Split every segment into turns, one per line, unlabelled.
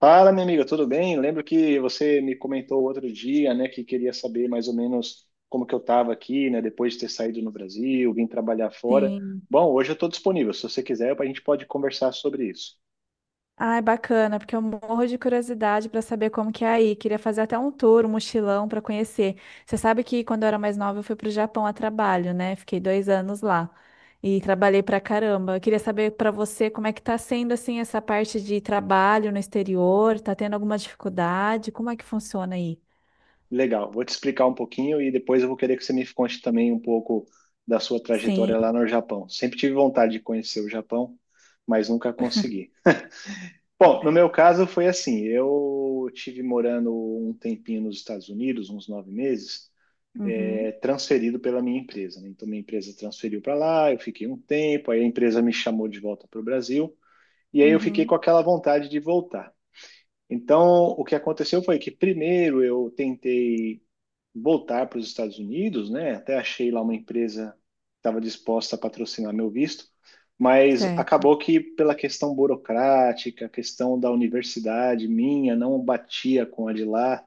Fala, minha amiga, tudo bem? Lembro que você me comentou outro dia, né, que queria saber mais ou menos como que eu estava aqui, né, depois de ter saído no Brasil, vim trabalhar fora.
Sim.
Bom, hoje eu estou disponível. Se você quiser, a gente pode conversar sobre isso.
Ai, bacana, porque eu morro de curiosidade para saber como que é aí. Queria fazer até um tour, um mochilão para conhecer. Você sabe que quando eu era mais nova eu fui para Japão a trabalho, né? Fiquei 2 anos lá e trabalhei pra caramba. Eu queria saber para você como é que tá sendo assim essa parte de trabalho no exterior. Tá tendo alguma dificuldade? Como é que funciona aí?
Legal, vou te explicar um pouquinho e depois eu vou querer que você me conte também um pouco da sua trajetória
Sim.
lá no Japão. Sempre tive vontade de conhecer o Japão, mas nunca consegui. Bom, no meu caso foi assim, eu tive morando um tempinho nos Estados Unidos, uns 9 meses,
Uhum.
transferido pela minha empresa. Né? Então, minha empresa transferiu para lá, eu fiquei um tempo, aí a empresa me chamou de volta para o Brasil, e aí eu fiquei com
Uhum.
aquela vontade de voltar. Então, o que aconteceu foi que, primeiro, eu tentei voltar para os Estados Unidos, né? Até achei lá uma empresa que estava disposta a patrocinar meu visto, mas
Certo.
acabou que pela questão burocrática, a questão da universidade minha não batia com a de lá,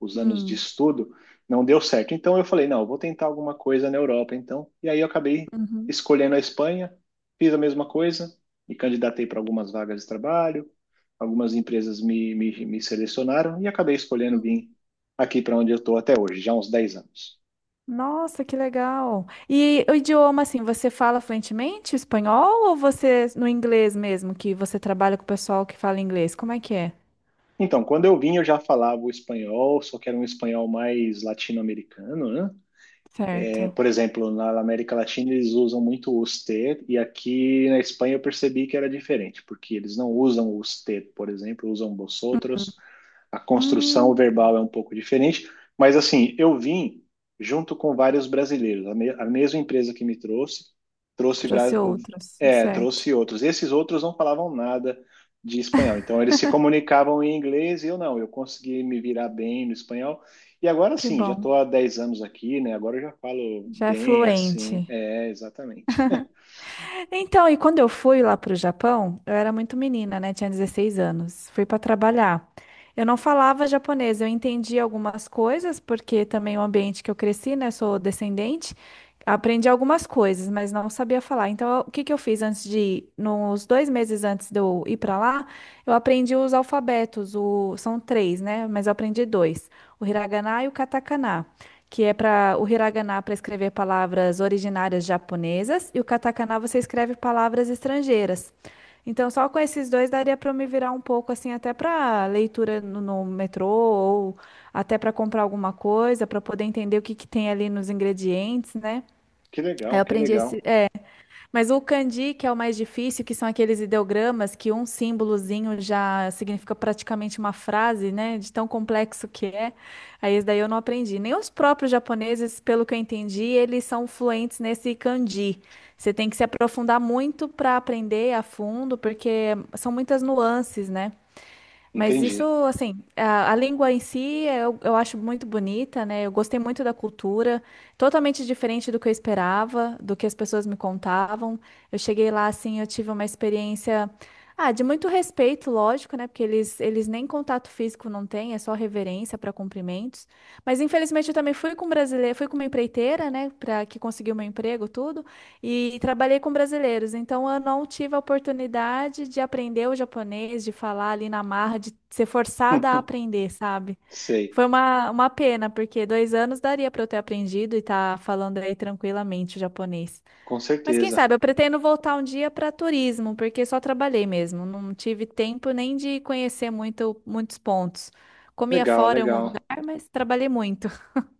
os anos de
Hum.
estudo, não deu certo. Então eu falei, não, eu vou tentar alguma coisa na Europa, então. E aí eu acabei
Uhum.
escolhendo a Espanha, fiz a mesma coisa, me candidatei para algumas vagas de trabalho, algumas empresas me selecionaram e acabei escolhendo
Uhum.
vir aqui para onde eu estou até hoje, já há uns 10 anos.
Nossa, que legal. E o idioma, assim, você fala fluentemente espanhol ou você no inglês mesmo, que você trabalha com o pessoal que fala inglês? Como é que é?
Então, quando eu vim, eu já falava o espanhol, só que era um espanhol mais latino-americano, né? É,
Certo.
por exemplo, na América Latina eles usam muito os T, e aqui na Espanha eu percebi que era diferente, porque eles não usam os T, por exemplo, usam vosotros, a construção
Hum,
verbal é um pouco diferente, mas assim, eu vim junto com vários brasileiros, a mesma empresa que me trouxe, trouxe,
trouxe outros, certo.
trouxe outros. Esses outros não falavam nada de espanhol, então eles se comunicavam em inglês e eu não, eu consegui me virar bem no espanhol. E agora
Que
sim, já
bom.
estou há 10 anos aqui, né? Agora eu já falo
Já é
bem assim,
fluente.
exatamente.
Então, e quando eu fui lá para o Japão, eu era muito menina, né? Tinha 16 anos. Fui para trabalhar. Eu não falava japonês, eu entendi algumas coisas, porque também o ambiente que eu cresci, né? Sou descendente, aprendi algumas coisas, mas não sabia falar. Então, o que que eu fiz antes de ir? Nos 2 meses antes de eu ir para lá, eu aprendi os alfabetos, são três, né? Mas eu aprendi dois: o hiragana e o katakana que é para o hiragana para escrever palavras originárias japonesas e o katakana você escreve palavras estrangeiras. Então, só com esses dois daria para eu me virar um pouco assim, até para leitura no metrô ou até para comprar alguma coisa, para poder entender o que que tem ali nos ingredientes, né?
Que
Aí
legal,
eu
que
aprendi
legal.
mas o kanji, que é o mais difícil, que são aqueles ideogramas que um símbolozinho já significa praticamente uma frase, né? De tão complexo que é. Aí esse daí eu não aprendi. Nem os próprios japoneses, pelo que eu entendi, eles são fluentes nesse kanji. Você tem que se aprofundar muito para aprender a fundo, porque são muitas nuances, né? Mas isso,
Entendi.
assim, a língua em si eu acho muito bonita, né? Eu gostei muito da cultura, totalmente diferente do que eu esperava, do que as pessoas me contavam. Eu cheguei lá, assim, eu tive uma experiência, ah, de muito respeito, lógico, né? Porque eles nem contato físico não têm, é só reverência para cumprimentos. Mas infelizmente eu também fui com brasileiro, fui com uma empreiteira, né? Para que conseguiu meu emprego, tudo. E trabalhei com brasileiros, então eu não tive a oportunidade de aprender o japonês, de falar ali na marra, de ser forçada a aprender, sabe?
Sei,
Foi uma pena, porque 2 anos daria para eu ter aprendido e estar falando aí tranquilamente o japonês.
com
Mas quem
certeza.
sabe, eu pretendo voltar um dia para turismo, porque só trabalhei mesmo, não tive tempo nem de conhecer muito, muitos pontos. Comia
Legal,
fora em algum lugar,
legal.
mas trabalhei muito.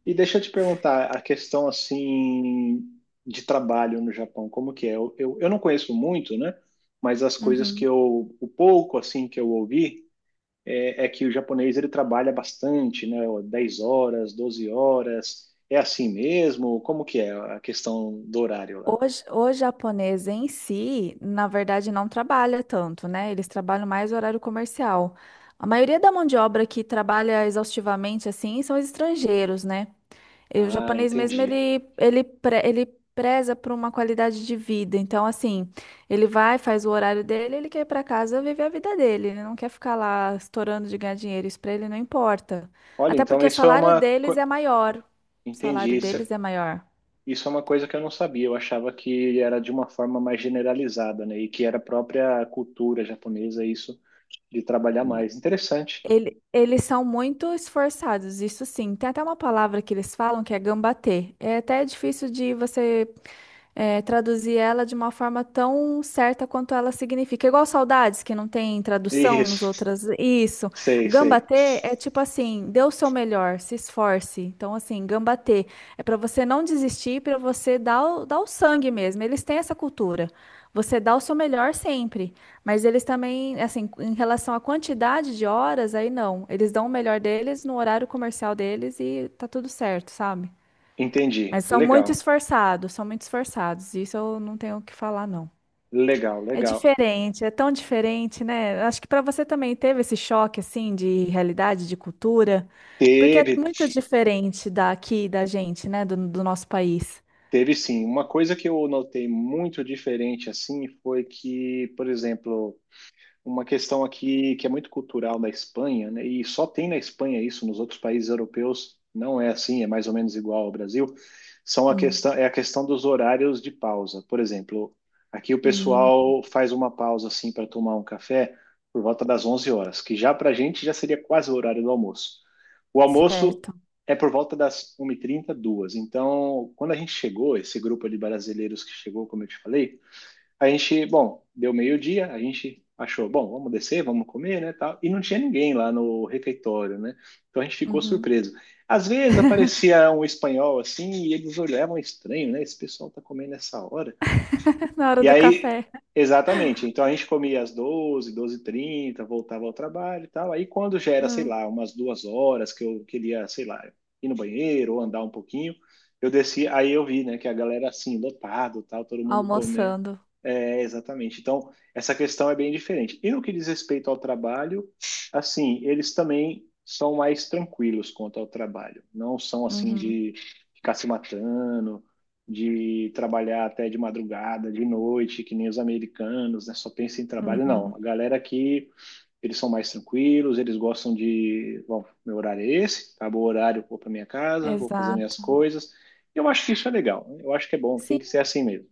E deixa eu te perguntar, a questão assim de trabalho no Japão, como que é? Eu não conheço muito, né? Mas as coisas que
Uhum.
eu, o pouco assim que eu ouvi é que o japonês ele trabalha bastante, né? 10 horas, 12 horas. É assim mesmo? Como que é a questão do horário lá?
O, o japonês em si, na verdade, não trabalha tanto, né? Eles trabalham mais horário comercial. A maioria da mão de obra que trabalha exaustivamente assim são os estrangeiros, né? E o
Ah,
japonês mesmo,
entendi.
ele preza por uma qualidade de vida. Então, assim, ele vai, faz o horário dele, ele quer ir para casa viver a vida dele. Ele não quer ficar lá estourando de ganhar dinheiro. Isso para ele não importa.
Olha,
Até
então
porque o
isso é
salário
uma.
deles é maior. O salário
Entendi. Isso,
deles é maior.
Isso é uma coisa que eu não sabia, eu achava que era de uma forma mais generalizada, né? E que era a própria cultura japonesa isso de trabalhar mais. Interessante.
Ele- eles são muito esforçados, isso sim. Tem até uma palavra que eles falam que é gambatê. É até difícil de você traduzir ela de uma forma tão certa quanto ela significa. Igual saudades, que não tem tradução nos
Isso.
outras. Isso.
Sei, sei.
Gambatê é tipo assim, dê o seu melhor, se esforce. Então, assim, gambatê é para você não desistir, para você dar o sangue mesmo. Eles têm essa cultura. Você dá o seu melhor sempre, mas eles também, assim, em relação à quantidade de horas, aí não. Eles dão o melhor deles no horário comercial deles e tá tudo certo, sabe?
Entendi.
Mas são muito
Legal.
esforçados, são muito esforçados. Isso eu não tenho o que falar, não.
Legal,
É
legal.
diferente, é tão diferente, né? Acho que para você também teve esse choque assim de realidade, de cultura, porque é
Teve,
muito diferente daqui da gente, né? Do nosso país.
teve sim. Uma coisa que eu notei muito diferente assim foi que, por exemplo, uma questão aqui que é muito cultural da Espanha, né? E só tem na Espanha isso, nos outros países europeus não é assim, é mais ou menos igual ao Brasil. São a
Hum,
questão é a questão dos horários de pausa. Por exemplo, aqui o
hum,
pessoal faz uma pausa assim para tomar um café por volta das 11 horas, que já para a gente já seria quase o horário do almoço. O almoço
certo.
é por volta das 1 e trinta duas. Então, quando a gente chegou, esse grupo de brasileiros que chegou, como eu te falei, a gente, bom, deu meio-dia, a gente achou, bom, vamos descer, vamos comer, né, tal. E não tinha ninguém lá no refeitório, né? Então a gente ficou
Uhum.
surpreso. Às vezes aparecia um espanhol assim e eles olhavam estranho, né? Esse pessoal tá comendo essa hora.
Na hora
E
do
aí,
café,
exatamente. Então a gente comia às doze h 30, voltava ao trabalho e tal. Aí quando já era, sei
hum,
lá, umas 2 horas que eu queria, sei lá, ir no banheiro ou andar um pouquinho, eu desci, aí eu vi, né, que a galera assim, lotado, tal, todo mundo comendo.
almoçando.
É, exatamente. Então, essa questão é bem diferente. E no que diz respeito ao trabalho, assim, eles também são mais tranquilos quanto ao trabalho. Não são assim
Uhum,
de ficar se matando, de trabalhar até de madrugada, de noite, que nem os americanos, né? Só pensa em trabalho. Não,
uhum,
a galera aqui, eles são mais tranquilos, eles gostam de, bom, meu horário é esse, acabou o horário, vou para minha casa, vou fazer minhas
exato.
coisas. Eu acho que isso é legal, eu acho que é bom, tem
Sim,
que ser assim mesmo.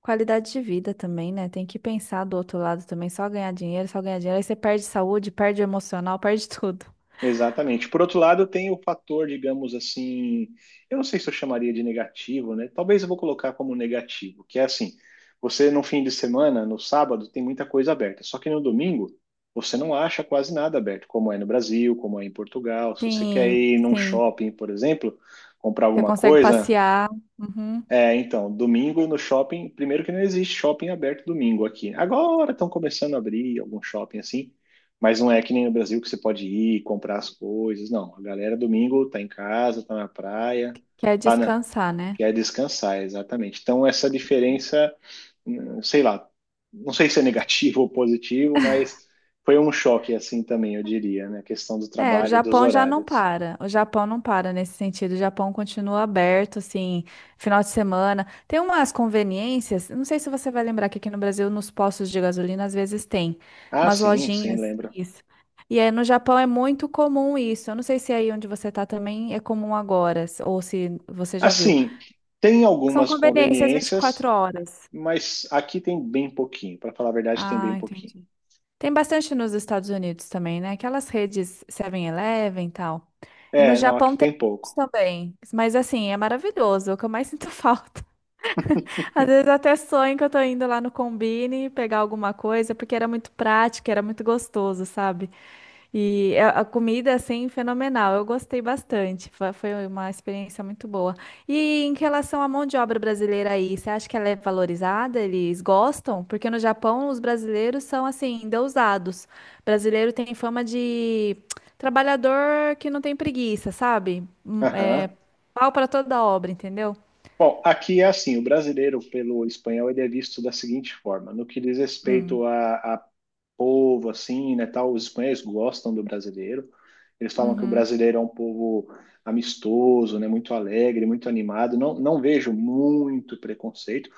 qualidade de vida também, né? Tem que pensar do outro lado também, só ganhar dinheiro, só ganhar dinheiro. Aí você perde saúde, perde o emocional, perde tudo.
Exatamente. Por outro lado, tem o fator, digamos assim, eu não sei se eu chamaria de negativo, né? Talvez eu vou colocar como negativo, que é assim, você no fim de semana, no sábado, tem muita coisa aberta, só que no domingo você não acha quase nada aberto, como é no Brasil, como é em Portugal. Se você quer
Sim,
ir num
sim.
shopping, por exemplo, comprar
Você
alguma
consegue
coisa,
passear, uhum.
então, domingo no shopping, primeiro que não existe shopping aberto domingo aqui. Agora estão começando a abrir algum shopping assim, mas não é que nem no Brasil que você pode ir comprar as coisas, não. A galera domingo tá em casa, tá na praia,
Quer
tá na...
descansar, né?
quer descansar, exatamente. Então essa diferença, sei lá, não sei se é negativo ou positivo, mas foi um choque assim também, eu diria, né? A questão do
É, o
trabalho, dos
Japão já não
horários.
para. O Japão não para nesse sentido. O Japão continua aberto, assim, final de semana. Tem umas conveniências, não sei se você vai lembrar que aqui no Brasil, nos postos de gasolina, às vezes tem
Ah,
umas
sim, sim,
lojinhas,
lembro.
isso. E aí no Japão é muito comum isso. Eu não sei se aí onde você tá também é comum agora, ou se você já viu.
Assim, tem
São
algumas
conveniências vinte e
conveniências.
quatro horas.
Mas aqui tem bem pouquinho, para falar a verdade, tem bem
Ah,
pouquinho.
entendi. Tem bastante nos Estados Unidos também, né? Aquelas redes 7-Eleven e tal. E no
É, não, aqui
Japão tem
tem
isso
pouco.
também. Mas assim, é maravilhoso, é o que eu mais sinto falta. Às vezes eu até sonho que eu tô indo lá no Combini pegar alguma coisa, porque era muito prático, era muito gostoso, sabe? E a comida, assim, fenomenal. Eu gostei bastante. Foi uma experiência muito boa. E em relação à mão de obra brasileira aí, você acha que ela é valorizada? Eles gostam? Porque no Japão, os brasileiros são, assim, endeusados. Brasileiro tem fama de trabalhador que não tem preguiça, sabe? É
Aham.
pau para toda obra, entendeu?
Bom, aqui é assim, o brasileiro pelo espanhol ele é visto da seguinte forma, no que diz
Hum.
respeito a povo, assim, né, tal, os espanhóis gostam do brasileiro, eles falam que o
Uhum.
brasileiro é um povo amistoso, né, muito alegre, muito animado, não, não vejo muito preconceito.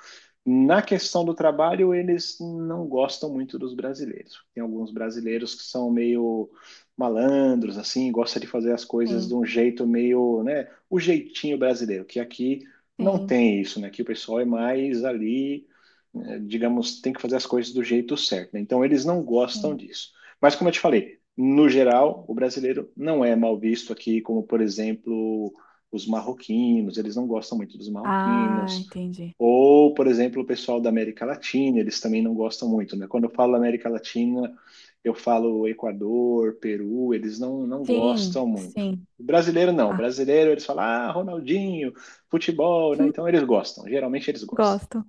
Na questão do trabalho, eles não gostam muito dos brasileiros. Tem alguns brasileiros que são meio malandros, assim, gosta de fazer as coisas de
Sim,
um jeito meio, né, o jeitinho brasileiro, que aqui não
sim,
tem isso, né? Aqui o pessoal é mais ali, né, digamos, tem que fazer as coisas do jeito certo, né? Então eles não gostam
sim.
disso. Mas como eu te falei, no geral, o brasileiro não é mal visto aqui, como por exemplo, os marroquinos, eles não gostam muito dos
Ah,
marroquinos
entendi.
ou, por exemplo, o pessoal da América Latina, eles também não gostam muito, né? Quando eu falo América Latina, eu falo Equador, Peru, eles não, não
Sim,
gostam muito.
sim.
O brasileiro não, o
Ah,
brasileiro eles falam, ah, Ronaldinho, futebol, né? Então eles gostam, geralmente eles gostam.
gosto.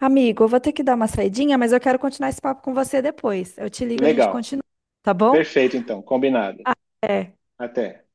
Amigo, eu vou ter que dar uma saidinha, mas eu quero continuar esse papo com você depois. Eu te ligo, a gente
Legal,
continua, tá bom?
perfeito então, combinado.
Ah, é.
Até.